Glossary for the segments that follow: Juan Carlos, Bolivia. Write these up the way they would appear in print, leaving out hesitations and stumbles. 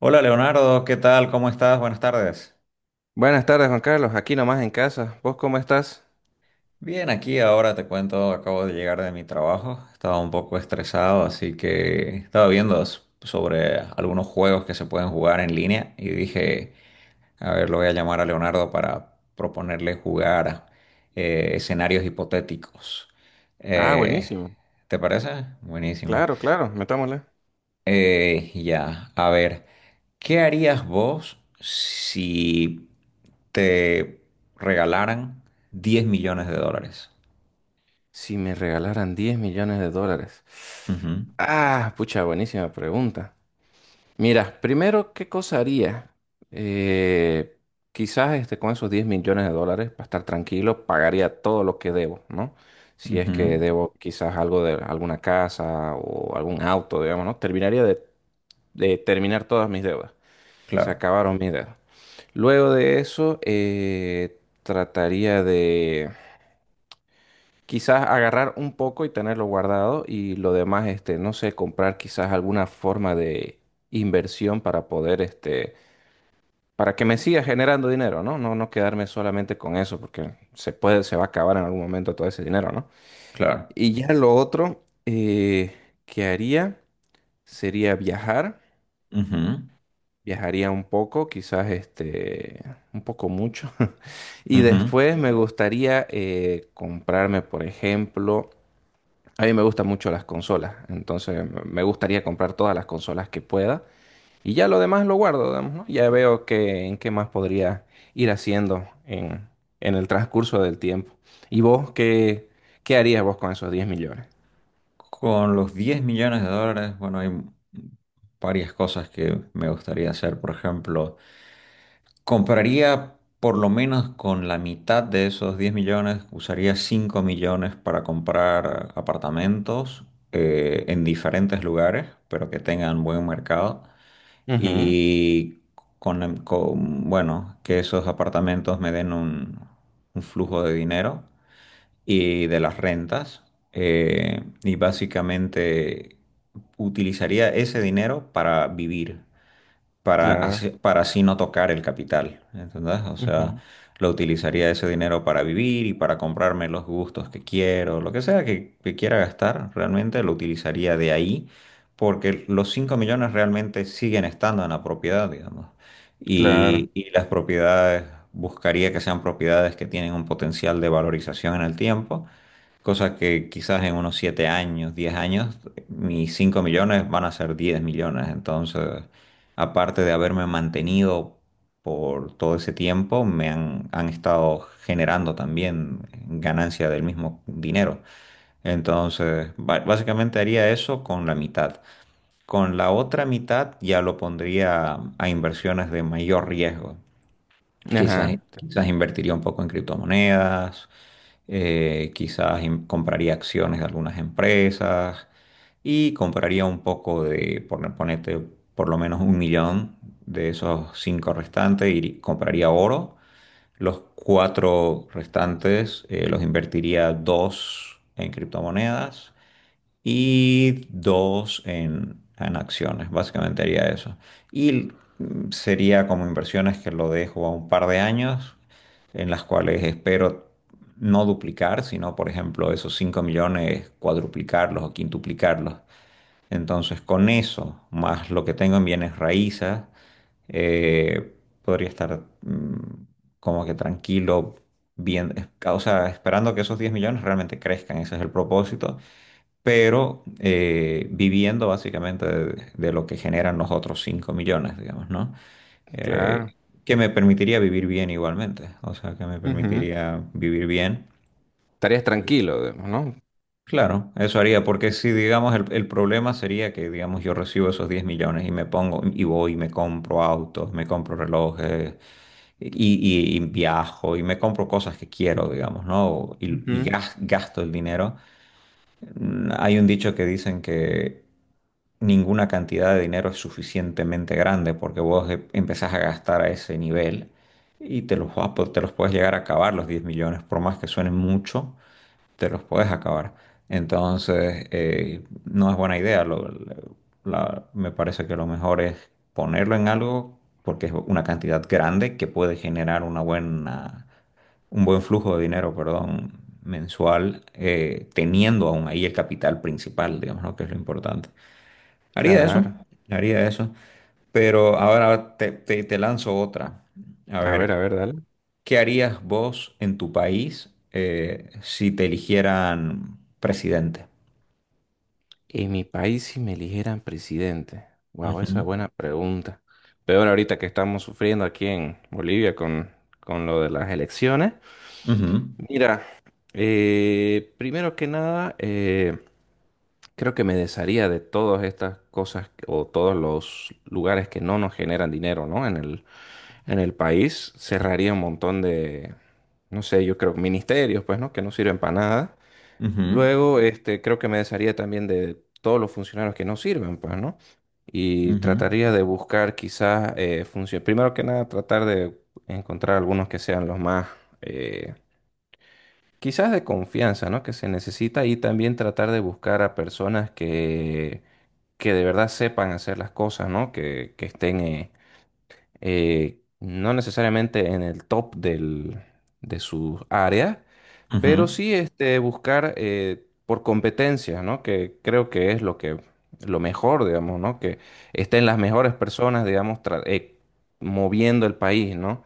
Hola Leonardo, ¿qué tal? ¿Cómo estás? Buenas tardes. Buenas tardes, Juan Carlos. Aquí nomás en casa. ¿Vos cómo estás? Bien, aquí ahora te cuento, acabo de llegar de mi trabajo, estaba un poco estresado, así que estaba viendo sobre algunos juegos que se pueden jugar en línea y dije, a ver, lo voy a llamar a Leonardo para proponerle jugar escenarios hipotéticos. Ah, Eh, buenísimo. ¿te parece? Buenísimo. Claro, claro, metámosle. Ya, a ver, ¿qué harías vos si te regalaran 10 millones de dólares? Si me regalaran 10 millones de dólares. Ujú, Ah, pucha, buenísima pregunta. Mira, primero, ¿qué cosa haría? Eh, Quizás este, con esos 10 millones de dólares, para estar tranquilo, pagaría todo lo que debo, ¿no? Si es ujú, que debo quizás algo de alguna casa o algún auto, digamos, ¿no? Terminaría de terminar todas mis deudas. Se claro, acabaron mis dedos. Luego de eso, trataría de quizás agarrar un poco y tenerlo guardado y lo demás, este, no sé, comprar quizás alguna forma de inversión para poder, este, para que me siga generando dinero, ¿no? No, no quedarme solamente con eso porque se puede, se va a acabar en algún momento todo ese dinero, ¿no? claro. Y ya lo otro, que haría sería viajar. Ujú, Viajaría un poco, quizás este, un poco mucho. Y ujú. después me gustaría, comprarme, por ejemplo, a mí me gustan mucho las consolas, entonces me gustaría comprar todas las consolas que pueda y ya lo demás lo guardo, digamos, ¿no? Ya veo que, en qué más podría ir haciendo en el transcurso del tiempo. ¿Y vos qué, qué harías vos con esos diez millones? Con los diez millones de dólares, bueno, hay varias cosas que me gustaría hacer. Por ejemplo, compraría por lo menos con la mitad de esos 10 millones, usaría 5 millones para comprar apartamentos en diferentes lugares, pero que tengan buen mercado. Ujú, Y con bueno, que esos apartamentos me den un flujo de dinero y de las rentas. Y básicamente utilizaría ese dinero para vivir, para claro, así, para así no tocar el capital, ¿entendés? O sea, ujú, lo utilizaría ese dinero para vivir y para comprarme los gustos que quiero, lo que sea que quiera gastar, realmente lo utilizaría de ahí, porque los 5 millones realmente siguen estando en la propiedad, digamos. claro, Y las propiedades, buscaría que sean propiedades que tienen un potencial de valorización en el tiempo. Cosa que quizás en unos 7 años, 10 años, mis 5 millones van a ser 10 millones. Entonces, aparte de haberme mantenido por todo ese tiempo, me han, han estado generando también ganancia del mismo dinero. Entonces, básicamente haría eso con la mitad. Con la otra mitad ya lo pondría a inversiones de mayor riesgo. Quizás, ajá, quizás invertiría un poco en criptomonedas, quizás compraría acciones de algunas empresas y compraría un poco de, por, ponete por lo menos un millón de esos cinco restantes y compraría oro. Los cuatro restantes los invertiría dos en criptomonedas y dos en acciones, básicamente haría eso. Y sería como inversiones que lo dejo a un par de años, en las cuales espero no duplicar, sino, por ejemplo, esos 5 millones, cuadruplicarlos o quintuplicarlos. Entonces, con eso, más lo que tengo en bienes raíces, eh, podría estar como que tranquilo, bien, o sea, esperando que esos 10 millones realmente crezcan, ese es el propósito, pero viviendo básicamente de lo que generan los otros 5 millones, digamos, ¿no? claro, Eh, que me permitiría vivir bien igualmente, o sea, que me ujú. permitiría vivir bien. Estarías tranquilo, digamos, ¿no? Claro, eso haría, porque si, digamos, el problema sería que, digamos, yo recibo esos 10 millones y me pongo, y voy, y me compro autos, me compro relojes, y, y viajo, y me compro cosas que quiero, digamos, ¿no? Y, y Ujú, gas- gasto el dinero. Hay un dicho que dicen que ninguna cantidad de dinero es suficientemente grande porque vos empezás a gastar a ese nivel y te los puedes llegar a acabar los 10 millones, por más que suenen mucho, te los puedes acabar. Entonces, no es buena idea. Me parece que lo mejor es ponerlo en algo porque es una cantidad grande que puede generar un buen flujo de dinero, perdón, mensual, teniendo aún ahí el capital principal, digamos, ¿no? Que es lo importante. Haría eso, claro. haría eso. Pero ahora te lanzo otra. A A ver, ver, dale. ¿qué harías vos en tu país si te eligieran presidente? En mi país, si me eligieran presidente. Wow, esa Ujú, es buena pregunta. Peor ahorita que estamos sufriendo aquí en Bolivia con lo de las elecciones. ujú, Mira, primero que nada, creo que me desharía de todas estas cosas o todos los lugares que no nos generan dinero, ¿no? En el país cerraría un montón de, no sé, yo creo, ministerios, pues, ¿no? Que no sirven para nada. ujú, Luego, este, creo que me desharía también de todos los funcionarios que no sirven, pues, ¿no? Y ujú, trataría de buscar quizás, funciones. Primero que nada, tratar de encontrar algunos que sean los más, eh, quizás de confianza, ¿no? Que se necesita y también tratar de buscar a personas que de verdad sepan hacer las cosas, ¿no? Que estén, no necesariamente en el top del, de sus áreas, pero ujú. sí, este, buscar, por competencias, ¿no? Que creo que es lo que, lo mejor, digamos, ¿no? Que estén las mejores personas, digamos, moviendo el país, ¿no?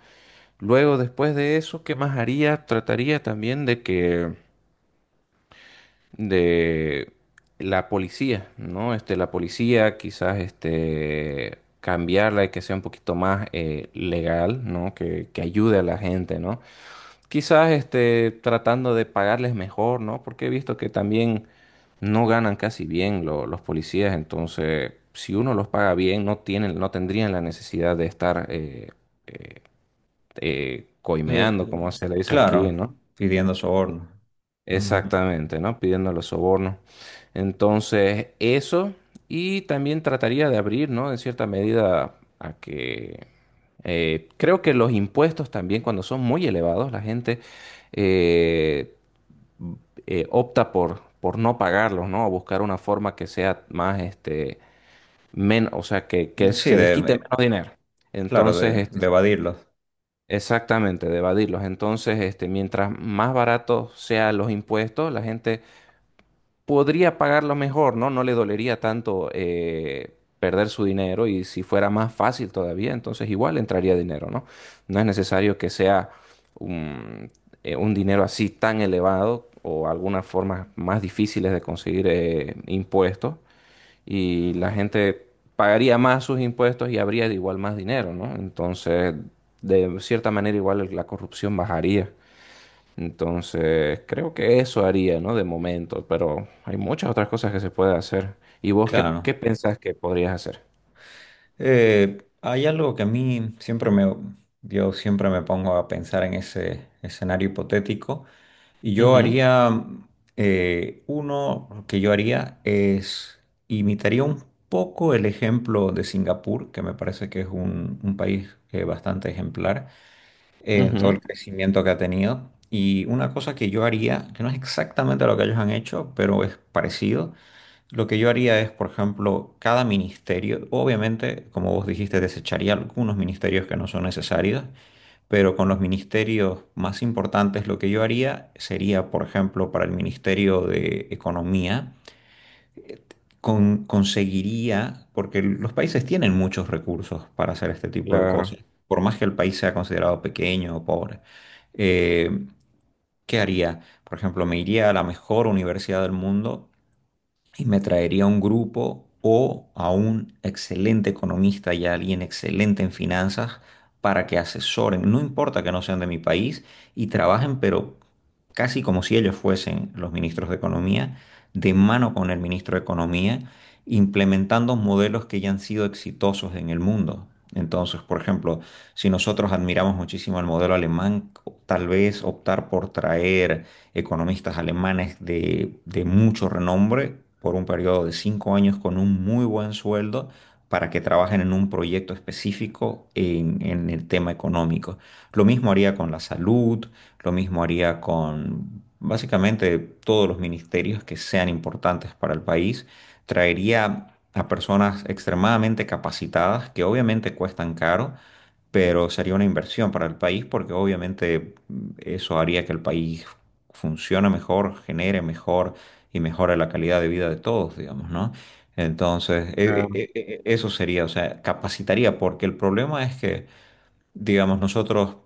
Luego, después de eso, ¿qué más haría? Trataría también de que, de la policía, ¿no? Este, la policía quizás, este, cambiarla y que sea un poquito más, legal, ¿no? Que ayude a la gente, ¿no? Quizás este, tratando de pagarles mejor, ¿no? Porque he visto que también no ganan casi bien los policías, entonces si uno los paga bien, no tienen, no tendrían la necesidad de estar, eh, Eh, coimeando, como c- se le dice aquí, claro, ¿no? pidiendo soborno. Ujú. Exactamente, ¿no? Pidiendo los sobornos. Entonces, eso, y también trataría de abrir, ¿no? En cierta medida a que, creo que los impuestos también, cuando son muy elevados, la gente, eh, opta por no pagarlos, ¿no? O buscar una forma que sea más, este, menos, o sea, que Sí, se les quite menos dinero. claro, Entonces, de, este, de evadirlos. exactamente, de evadirlos. Entonces, este, mientras más baratos sean los impuestos, la gente podría pagarlo mejor, ¿no? No le dolería tanto, perder su dinero y si fuera más fácil todavía, entonces igual entraría dinero, ¿no? No es necesario que sea un, un dinero así tan elevado o algunas formas más difíciles de conseguir, impuestos y la gente pagaría más sus impuestos y habría de igual más dinero, ¿no? Entonces, de cierta manera igual la corrupción bajaría. Entonces, creo que eso haría, ¿no? De momento, pero hay muchas otras cosas que se puede hacer. ¿Y vos qué, Claro. pensás que podrías hacer? Hay algo que a mí siempre me, yo siempre me pongo a pensar en ese escenario hipotético y yo Ujú, haría, uno que yo haría es, imitaría un poco el ejemplo de Singapur, que me parece que es un país bastante ejemplar en todo ujú, el crecimiento que ha tenido. Y una cosa que yo haría, que no es exactamente lo que ellos han hecho, pero es parecido, lo que yo haría es, por ejemplo, cada ministerio, obviamente, como vos dijiste, desecharía algunos ministerios que no son necesarios, pero con los ministerios más importantes lo que yo haría sería, por ejemplo, para el Ministerio de Economía, conseguiría, porque los países tienen muchos recursos para hacer este tipo de claro, cosas, por más que el país sea considerado pequeño o pobre. Eh, ¿Qué haría? Por ejemplo, me iría a la mejor universidad del mundo y me traería a un grupo o a un excelente economista y a alguien excelente en finanzas para que asesoren, no importa que no sean de mi país, y trabajen, pero casi como si ellos fuesen los ministros de Economía, de mano con el ministro de Economía, implementando modelos que ya han sido exitosos en el mundo. Entonces, por ejemplo, si nosotros admiramos muchísimo el modelo alemán, tal vez optar por traer economistas alemanes de mucho renombre por un periodo de cinco años con un muy buen sueldo para que trabajen en un proyecto específico en el tema económico. Lo mismo haría con la salud, lo mismo haría con básicamente todos los ministerios que sean importantes para el país. Traería a personas extremadamente capacitadas que obviamente cuestan caro, pero sería una inversión para el país porque obviamente eso haría que el país funciona mejor, genere mejor y mejora la calidad de vida de todos, digamos, ¿no? Entonces, e- claro. e- e- e, eso sería, o sea, capacitaría, porque el problema es que, digamos, nosotros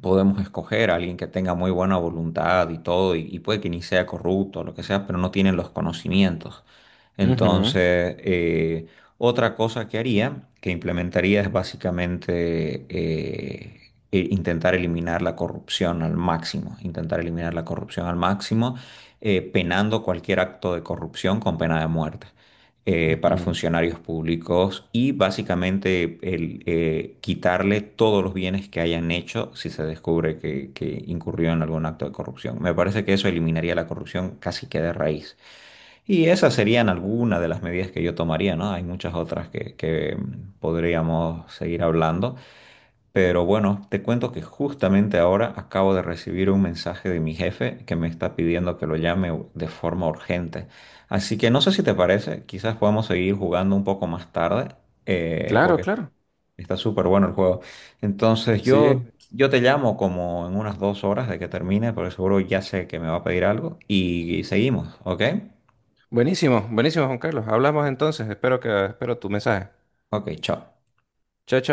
podemos escoger a alguien que tenga muy buena voluntad y todo, y puede que ni sea corrupto o lo que sea, pero no tienen los conocimientos. Ujú, Entonces, otra cosa que haría, que implementaría, es básicamente intentar eliminar la corrupción al máximo, intentar eliminar la corrupción al máximo, penando cualquier acto de corrupción con pena de muerte para ujú. funcionarios públicos y básicamente quitarle todos los bienes que hayan hecho si se descubre que incurrió en algún acto de corrupción. Me parece que eso eliminaría la corrupción casi que de raíz. Y esas serían algunas de las medidas que yo tomaría, ¿no? Hay muchas otras que, podríamos seguir hablando, pero bueno, te cuento que justamente ahora acabo de recibir un mensaje de mi jefe que me está pidiendo que lo llame de forma urgente. Así que no sé si te parece, quizás podamos seguir jugando un poco más tarde, Claro, porque claro. está súper bueno el juego. Entonces yo, Sí. yo te llamo como en unas dos horas de que termine, porque seguro ya sé que me va a pedir algo y seguimos, ¿ok? Buenísimo, buenísimo, Juan Carlos. Hablamos entonces. Espero tu mensaje. Ok, chao. Chao, chao.